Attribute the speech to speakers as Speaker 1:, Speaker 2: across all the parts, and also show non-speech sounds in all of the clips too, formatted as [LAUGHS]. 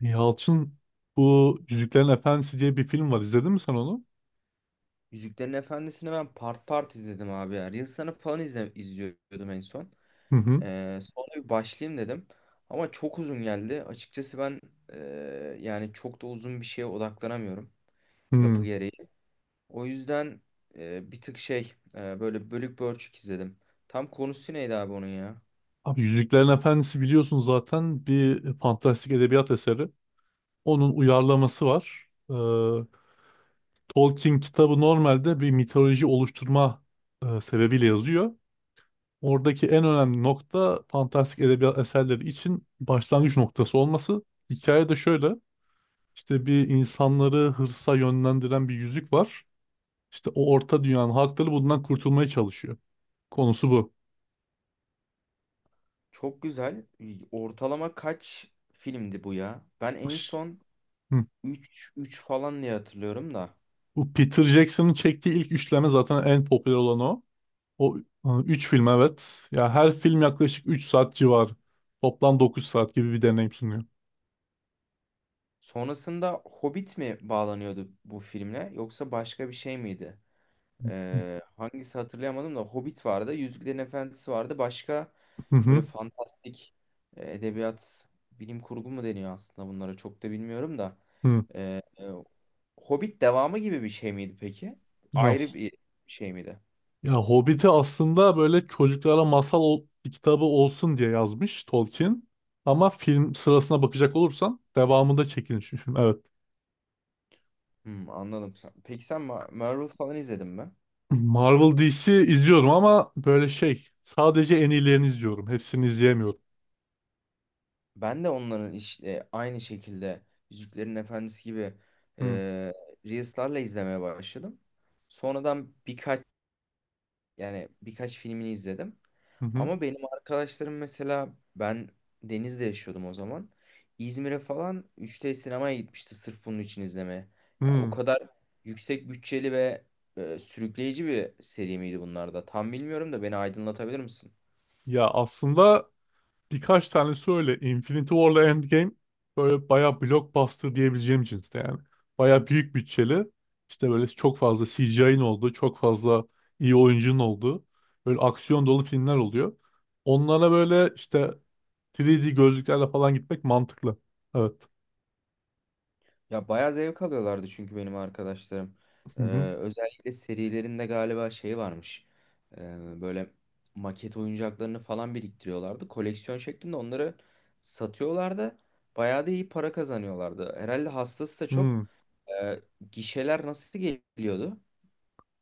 Speaker 1: Yalçın bu Yüzüklerin Efendisi diye bir film var. İzledin mi sen onu?
Speaker 2: Yüzüklerin Efendisi'ni ben part part izledim abi ya. Reels'larını falan izliyordum en son.
Speaker 1: Hı hı.
Speaker 2: Sonra bir başlayayım dedim. Ama çok uzun geldi. Açıkçası ben e, yani çok da uzun bir şeye odaklanamıyorum yapı
Speaker 1: Hı.
Speaker 2: gereği. O yüzden bir tık böyle bölük pörçük izledim. Tam konusu neydi abi onun ya?
Speaker 1: Abi Yüzüklerin Efendisi biliyorsun zaten bir fantastik edebiyat eseri. Onun uyarlaması var. Tolkien kitabı normalde bir mitoloji oluşturma sebebiyle yazıyor. Oradaki en önemli nokta fantastik edebiyat eserleri için başlangıç noktası olması. Hikaye de şöyle. İşte bir insanları hırsa yönlendiren bir yüzük var. İşte o orta dünyanın halkları bundan kurtulmaya çalışıyor. Konusu bu.
Speaker 2: Çok güzel. Ortalama kaç filmdi bu ya? Ben en son
Speaker 1: Hı.
Speaker 2: 3 3 falan diye hatırlıyorum da.
Speaker 1: Bu Peter Jackson'ın çektiği ilk üçleme zaten en popüler olan o. O üç film, evet. Ya her film yaklaşık 3 saat civarı. Toplam 9 saat gibi bir deneyim sunuyor.
Speaker 2: Sonrasında Hobbit mi bağlanıyordu bu filmle yoksa başka bir şey miydi? Hangisi hatırlayamadım da Hobbit vardı, Yüzüklerin Efendisi vardı. Başka
Speaker 1: Hı hı.
Speaker 2: böyle fantastik edebiyat, bilim kurgu mu deniyor aslında bunlara çok da bilmiyorum da.
Speaker 1: Hı.
Speaker 2: Ee, e, Hobbit devamı gibi bir şey miydi peki?
Speaker 1: Ya,
Speaker 2: Ayrı bir şey miydi?
Speaker 1: ya Hobbit'i aslında böyle çocuklara kitabı olsun diye yazmış Tolkien. Ama film sırasına bakacak olursan devamında çekilmiş bir film. Evet.
Speaker 2: Hmm, anladım. Peki sen Marvel falan izledin mi?
Speaker 1: Marvel DC izliyorum ama böyle şey sadece en iyilerini izliyorum. Hepsini izleyemiyorum.
Speaker 2: Ben de onların işte aynı şekilde Yüzüklerin Efendisi gibi e,
Speaker 1: Hı
Speaker 2: Reels'larla izlemeye başladım. Sonradan yani birkaç filmini izledim.
Speaker 1: hı hı.
Speaker 2: Ama benim arkadaşlarım mesela ben Deniz'de yaşıyordum o zaman. İzmir'e falan 3D sinemaya gitmişti sırf bunun için izlemeye. Ya o
Speaker 1: Hı.
Speaker 2: kadar yüksek bütçeli ve sürükleyici bir seri miydi bunlar da? Tam bilmiyorum da beni aydınlatabilir misin?
Speaker 1: Ya aslında birkaç tanesi öyle. Infinity War'la Endgame böyle bayağı blockbuster diyebileceğim cinste yani. Bayağı büyük bütçeli. İşte böyle çok fazla CGI'nin olduğu, çok fazla iyi oyuncunun olduğu böyle aksiyon dolu filmler oluyor. Onlara böyle işte 3D gözlüklerle falan gitmek mantıklı. Evet.
Speaker 2: Ya bayağı zevk alıyorlardı çünkü benim arkadaşlarım. Ee,
Speaker 1: Hı hı.
Speaker 2: Özellikle serilerinde galiba şey varmış. Böyle maket oyuncaklarını falan biriktiriyorlardı. Koleksiyon şeklinde onları satıyorlardı. Bayağı da iyi para kazanıyorlardı. Herhalde hastası da çok.
Speaker 1: Hı.
Speaker 2: Ee, Gişeler nasıl geliyordu?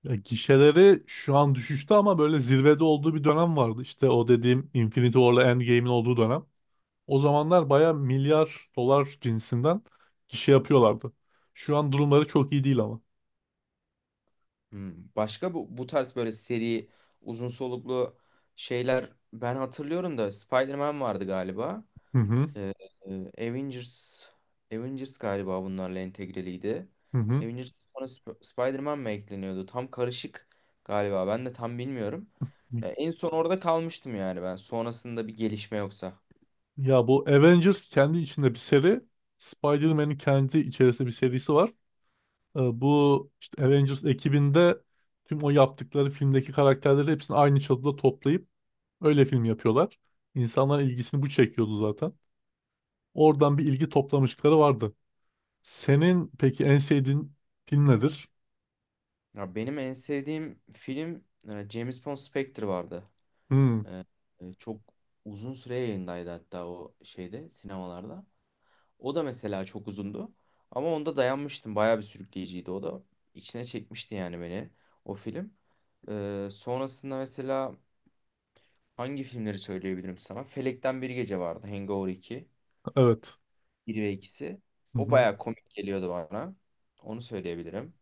Speaker 1: Ya gişeleri şu an düşüşte ama böyle zirvede olduğu bir dönem vardı. İşte o dediğim Infinity War'la Endgame'in olduğu dönem. O zamanlar baya milyar dolar cinsinden gişe yapıyorlardı. Şu an durumları çok iyi değil ama.
Speaker 2: Hmm, başka bu tarz böyle seri uzun soluklu şeyler ben hatırlıyorum da Spider-Man vardı galiba.
Speaker 1: Hı hı
Speaker 2: Ee, e, Avengers Avengers galiba bunlarla entegreliydi.
Speaker 1: hı hı.
Speaker 2: Avengers sonra Spider-Man mı ekleniyordu? Tam karışık galiba. Ben de tam bilmiyorum. En son orada kalmıştım yani ben. Sonrasında bir gelişme yoksa.
Speaker 1: Ya bu Avengers kendi içinde bir seri. Spider-Man'in kendi içerisinde bir serisi var. Bu işte Avengers ekibinde tüm o yaptıkları filmdeki karakterleri hepsini aynı çatıda toplayıp öyle film yapıyorlar. İnsanların ilgisini bu çekiyordu zaten. Oradan bir ilgi toplamışlıkları vardı. Senin peki en sevdiğin film nedir?
Speaker 2: Ya benim en sevdiğim film James Bond Spectre vardı.
Speaker 1: Hmm,
Speaker 2: Ee, Çok uzun süre yayındaydı hatta o şeyde sinemalarda. O da mesela çok uzundu. Ama onda dayanmıştım. Bayağı bir sürükleyiciydi o da. İçine çekmişti yani beni o film. Sonrasında mesela hangi filmleri söyleyebilirim sana? Felekten Bir Gece vardı. Hangover 2.
Speaker 1: evet.
Speaker 2: Bir ve ikisi.
Speaker 1: Hı
Speaker 2: O
Speaker 1: hı.
Speaker 2: bayağı komik geliyordu bana. Onu söyleyebilirim.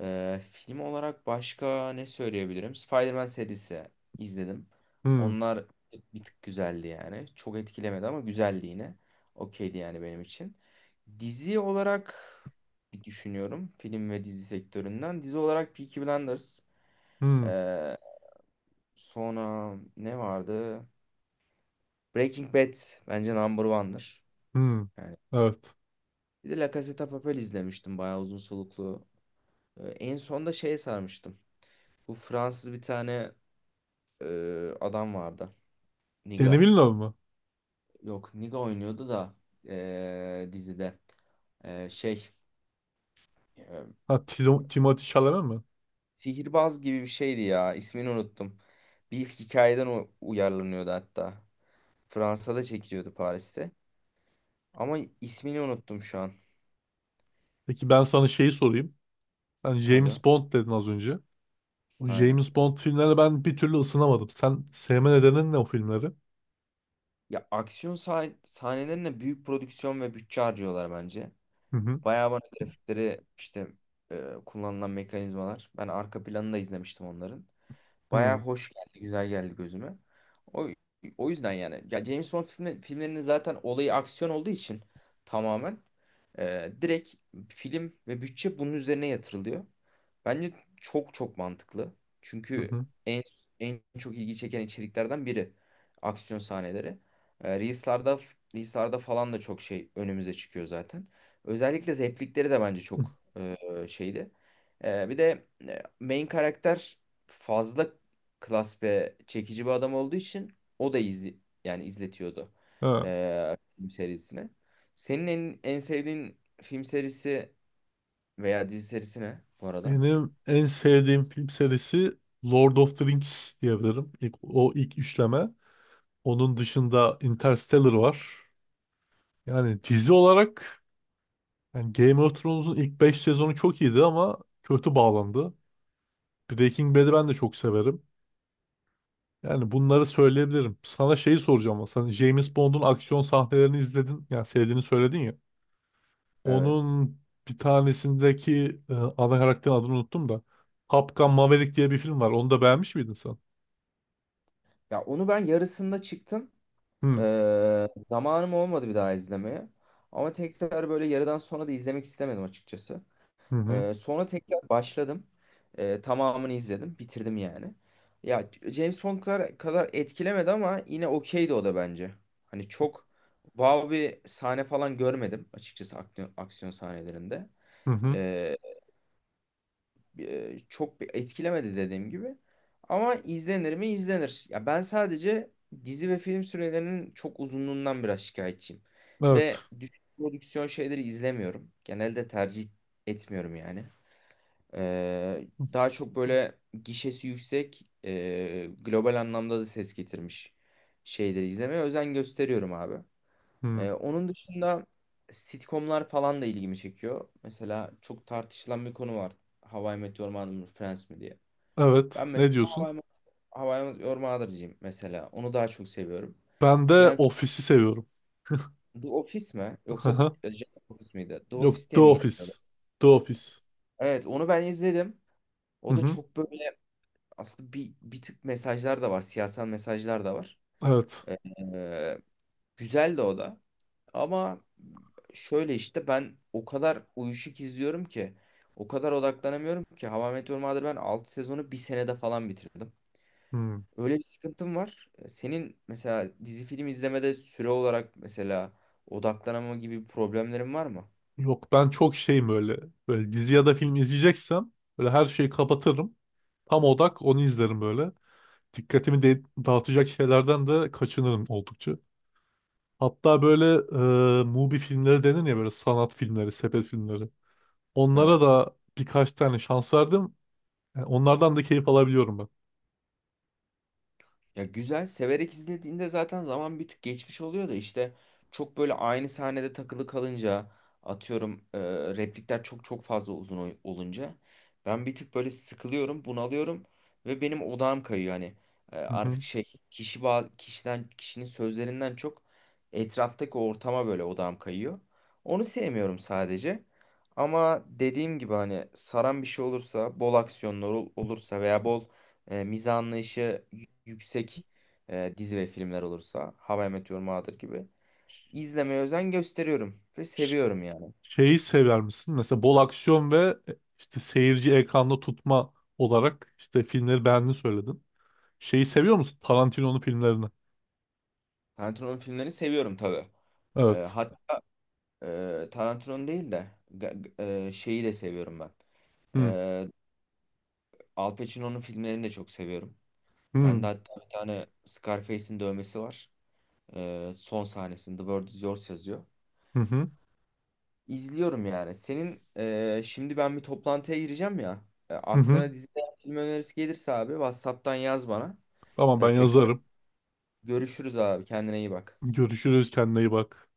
Speaker 2: Film olarak başka ne söyleyebilirim? Spider-Man serisi izledim.
Speaker 1: Hmm,
Speaker 2: Onlar bir tık güzeldi yani. Çok etkilemedi ama güzeldi yine. Okeydi yani benim için. Dizi olarak bir düşünüyorum. Film ve dizi sektöründen. Dizi olarak Peaky Blinders.
Speaker 1: hmm,
Speaker 2: Ee, Sonra ne vardı? Breaking Bad bence number one'dır.
Speaker 1: hmm.
Speaker 2: Yani
Speaker 1: Evet.
Speaker 2: bir de La Casa de Papel izlemiştim. Bayağı uzun soluklu. En son da şeye sarmıştım. Bu Fransız bir tane adam vardı.
Speaker 1: Denis
Speaker 2: Niga.
Speaker 1: Villeneuve mu?
Speaker 2: Yok Niga oynuyordu da dizide. E, şey e,
Speaker 1: Ha, Tilo- Timothée Chalamet mi?
Speaker 2: Sihirbaz gibi bir şeydi ya. İsmini unuttum. Bir hikayeden uyarlanıyordu hatta. Fransa'da çekiliyordu Paris'te. Ama ismini unuttum şu an.
Speaker 1: Peki ben sana şeyi sorayım. Sen
Speaker 2: Tabii.
Speaker 1: James Bond dedin az önce. O
Speaker 2: Aynen.
Speaker 1: James Bond filmlerine ben bir türlü ısınamadım. Sen sevme nedenin ne o filmleri?
Speaker 2: Ya aksiyon sahnelerine büyük prodüksiyon ve bütçe harcıyorlar bence.
Speaker 1: Hı hı.
Speaker 2: Bayağı bana grafikleri işte kullanılan mekanizmalar. Ben arka planını da izlemiştim onların. Bayağı
Speaker 1: Hı
Speaker 2: hoş geldi, güzel geldi gözüme. O, O yüzden yani. Ya James filmlerinin zaten olayı aksiyon olduğu için tamamen direkt film ve bütçe bunun üzerine yatırılıyor. Bence çok çok mantıklı.
Speaker 1: hı.
Speaker 2: Çünkü
Speaker 1: Hı.
Speaker 2: en en çok ilgi çeken içeriklerden biri aksiyon sahneleri. E, Reels'larda Reels'larda falan da çok şey önümüze çıkıyor zaten. Özellikle replikleri de bence çok
Speaker 1: [LAUGHS]
Speaker 2: şeydi. Bir de main karakter fazla klas ve çekici bir adam olduğu için o da yani izletiyordu
Speaker 1: Ha,
Speaker 2: film serisine. Senin en sevdiğin film serisi veya dizi serisi ne bu arada?
Speaker 1: benim en sevdiğim film serisi Lord of the Rings diyebilirim. İlk, o ilk üçleme. Onun dışında Interstellar var. Yani dizi olarak, yani Game of Thrones'un ilk 5 sezonu çok iyiydi ama kötü bağlandı. Breaking Bad'i ben de çok severim. Yani bunları söyleyebilirim. Sana şeyi soracağım ama. Sen James Bond'un aksiyon sahnelerini izledin. Yani sevdiğini söyledin ya.
Speaker 2: Evet.
Speaker 1: Onun bir tanesindeki ana karakterin adını unuttum da. Top Gun Maverick diye bir film var. Onu da beğenmiş miydin sen?
Speaker 2: Ya onu ben yarısında çıktım.
Speaker 1: Hı
Speaker 2: Zamanım olmadı bir daha izlemeye. Ama tekrar böyle yarıdan sonra da izlemek istemedim açıkçası.
Speaker 1: hı hı.
Speaker 2: Sonra tekrar başladım. Tamamını izledim. Bitirdim yani. Ya James Bond kadar etkilemedi ama yine okeydi o da bence. Hani çok wow bir sahne falan görmedim açıkçası aksiyon sahnelerinde.
Speaker 1: Hı hı.
Speaker 2: Ee, Çok bir etkilemedi dediğim gibi. Ama izlenir mi? İzlenir. Ya ben sadece dizi ve film sürelerinin çok uzunluğundan biraz şikayetçiyim. Ve
Speaker 1: Evet.
Speaker 2: düşük prodüksiyon şeyleri izlemiyorum. Genelde tercih etmiyorum yani. Daha çok böyle gişesi yüksek, global anlamda da ses getirmiş şeyleri izlemeye özen gösteriyorum abi.
Speaker 1: Hı.
Speaker 2: Onun dışında sitcomlar falan da ilgimi çekiyor. Mesela çok tartışılan bir konu var. How I Met Your Mother mı, Friends mi diye.
Speaker 1: Evet.
Speaker 2: Ben
Speaker 1: Ne
Speaker 2: mesela
Speaker 1: diyorsun?
Speaker 2: How I Met Your Mother'cıyım mesela. Onu daha çok seviyorum.
Speaker 1: Ben de
Speaker 2: Friends
Speaker 1: Office'i seviyorum.
Speaker 2: The Office mi? Yoksa
Speaker 1: Aha.
Speaker 2: Just Office miydi? The
Speaker 1: Yok,
Speaker 2: Office
Speaker 1: The
Speaker 2: diye mi geçiyordu?
Speaker 1: Office. The Office.
Speaker 2: Evet, onu ben izledim.
Speaker 1: Hı
Speaker 2: O da
Speaker 1: hı.
Speaker 2: çok böyle aslında bir tık mesajlar da var. Siyasal mesajlar da var.
Speaker 1: Evet.
Speaker 2: Ee, Güzel de o da. Ama şöyle işte ben o kadar uyuşuk izliyorum ki o kadar odaklanamıyorum ki Hava Meteor Mother'ı ben 6 sezonu bir senede falan bitirdim.
Speaker 1: Hmm.
Speaker 2: Öyle bir sıkıntım var. Senin mesela dizi film izlemede süre olarak mesela odaklanama gibi bir problemlerin var mı?
Speaker 1: Yok, ben çok şeyim böyle. Böyle dizi ya da film izleyeceksem böyle her şeyi kapatırım. Tam odak onu izlerim böyle. Dikkatimi de dağıtacak şeylerden de kaçınırım oldukça. Hatta böyle Mubi filmleri denir ya, böyle sanat filmleri, sepet filmleri. Onlara
Speaker 2: Evet.
Speaker 1: da birkaç tane şans verdim. Yani onlardan da keyif alabiliyorum ben.
Speaker 2: Ya güzel severek izlediğinde zaten zaman bir tık geçmiş oluyor da işte çok böyle aynı sahnede takılı kalınca atıyorum replikler çok çok fazla uzun olunca ben bir tık böyle sıkılıyorum, bunalıyorum ve benim odağım kayıyor hani.
Speaker 1: Hı hı.
Speaker 2: Artık şey, kişiden kişinin sözlerinden çok etraftaki ortama böyle odağım kayıyor. Onu sevmiyorum sadece. Ama dediğim gibi hani saran bir şey olursa, bol aksiyonlar olursa veya bol mizah anlayışı yüksek dizi ve filmler olursa How I Met Your Mother gibi izlemeye özen gösteriyorum ve seviyorum yani.
Speaker 1: Şeyi sever misin? Mesela bol aksiyon ve işte seyirci ekranda tutma olarak işte filmleri beğendiğini söyledin. Şeyi seviyor musun? Tarantino'nun filmlerini.
Speaker 2: Tarantino'nun filmlerini seviyorum tabii. E,
Speaker 1: Evet.
Speaker 2: hat, Tarantino'nun değil de şeyi de seviyorum ben.
Speaker 1: Hı
Speaker 2: E, Al Pacino'nun filmlerini de çok seviyorum. Ben de
Speaker 1: hı
Speaker 2: hatta bir tane Scarface'in dövmesi var. Son sahnesinde The World Is Yours yazıyor.
Speaker 1: hı hı.
Speaker 2: İzliyorum yani. Senin şimdi ben bir toplantıya gireceğim ya.
Speaker 1: Hı hı.
Speaker 2: Aklına dizi veya film önerisi gelirse abi WhatsApp'tan yaz bana.
Speaker 1: Tamam, ben
Speaker 2: Tekrar
Speaker 1: yazarım.
Speaker 2: görüşürüz abi. Kendine iyi bak.
Speaker 1: Görüşürüz, kendine iyi bak.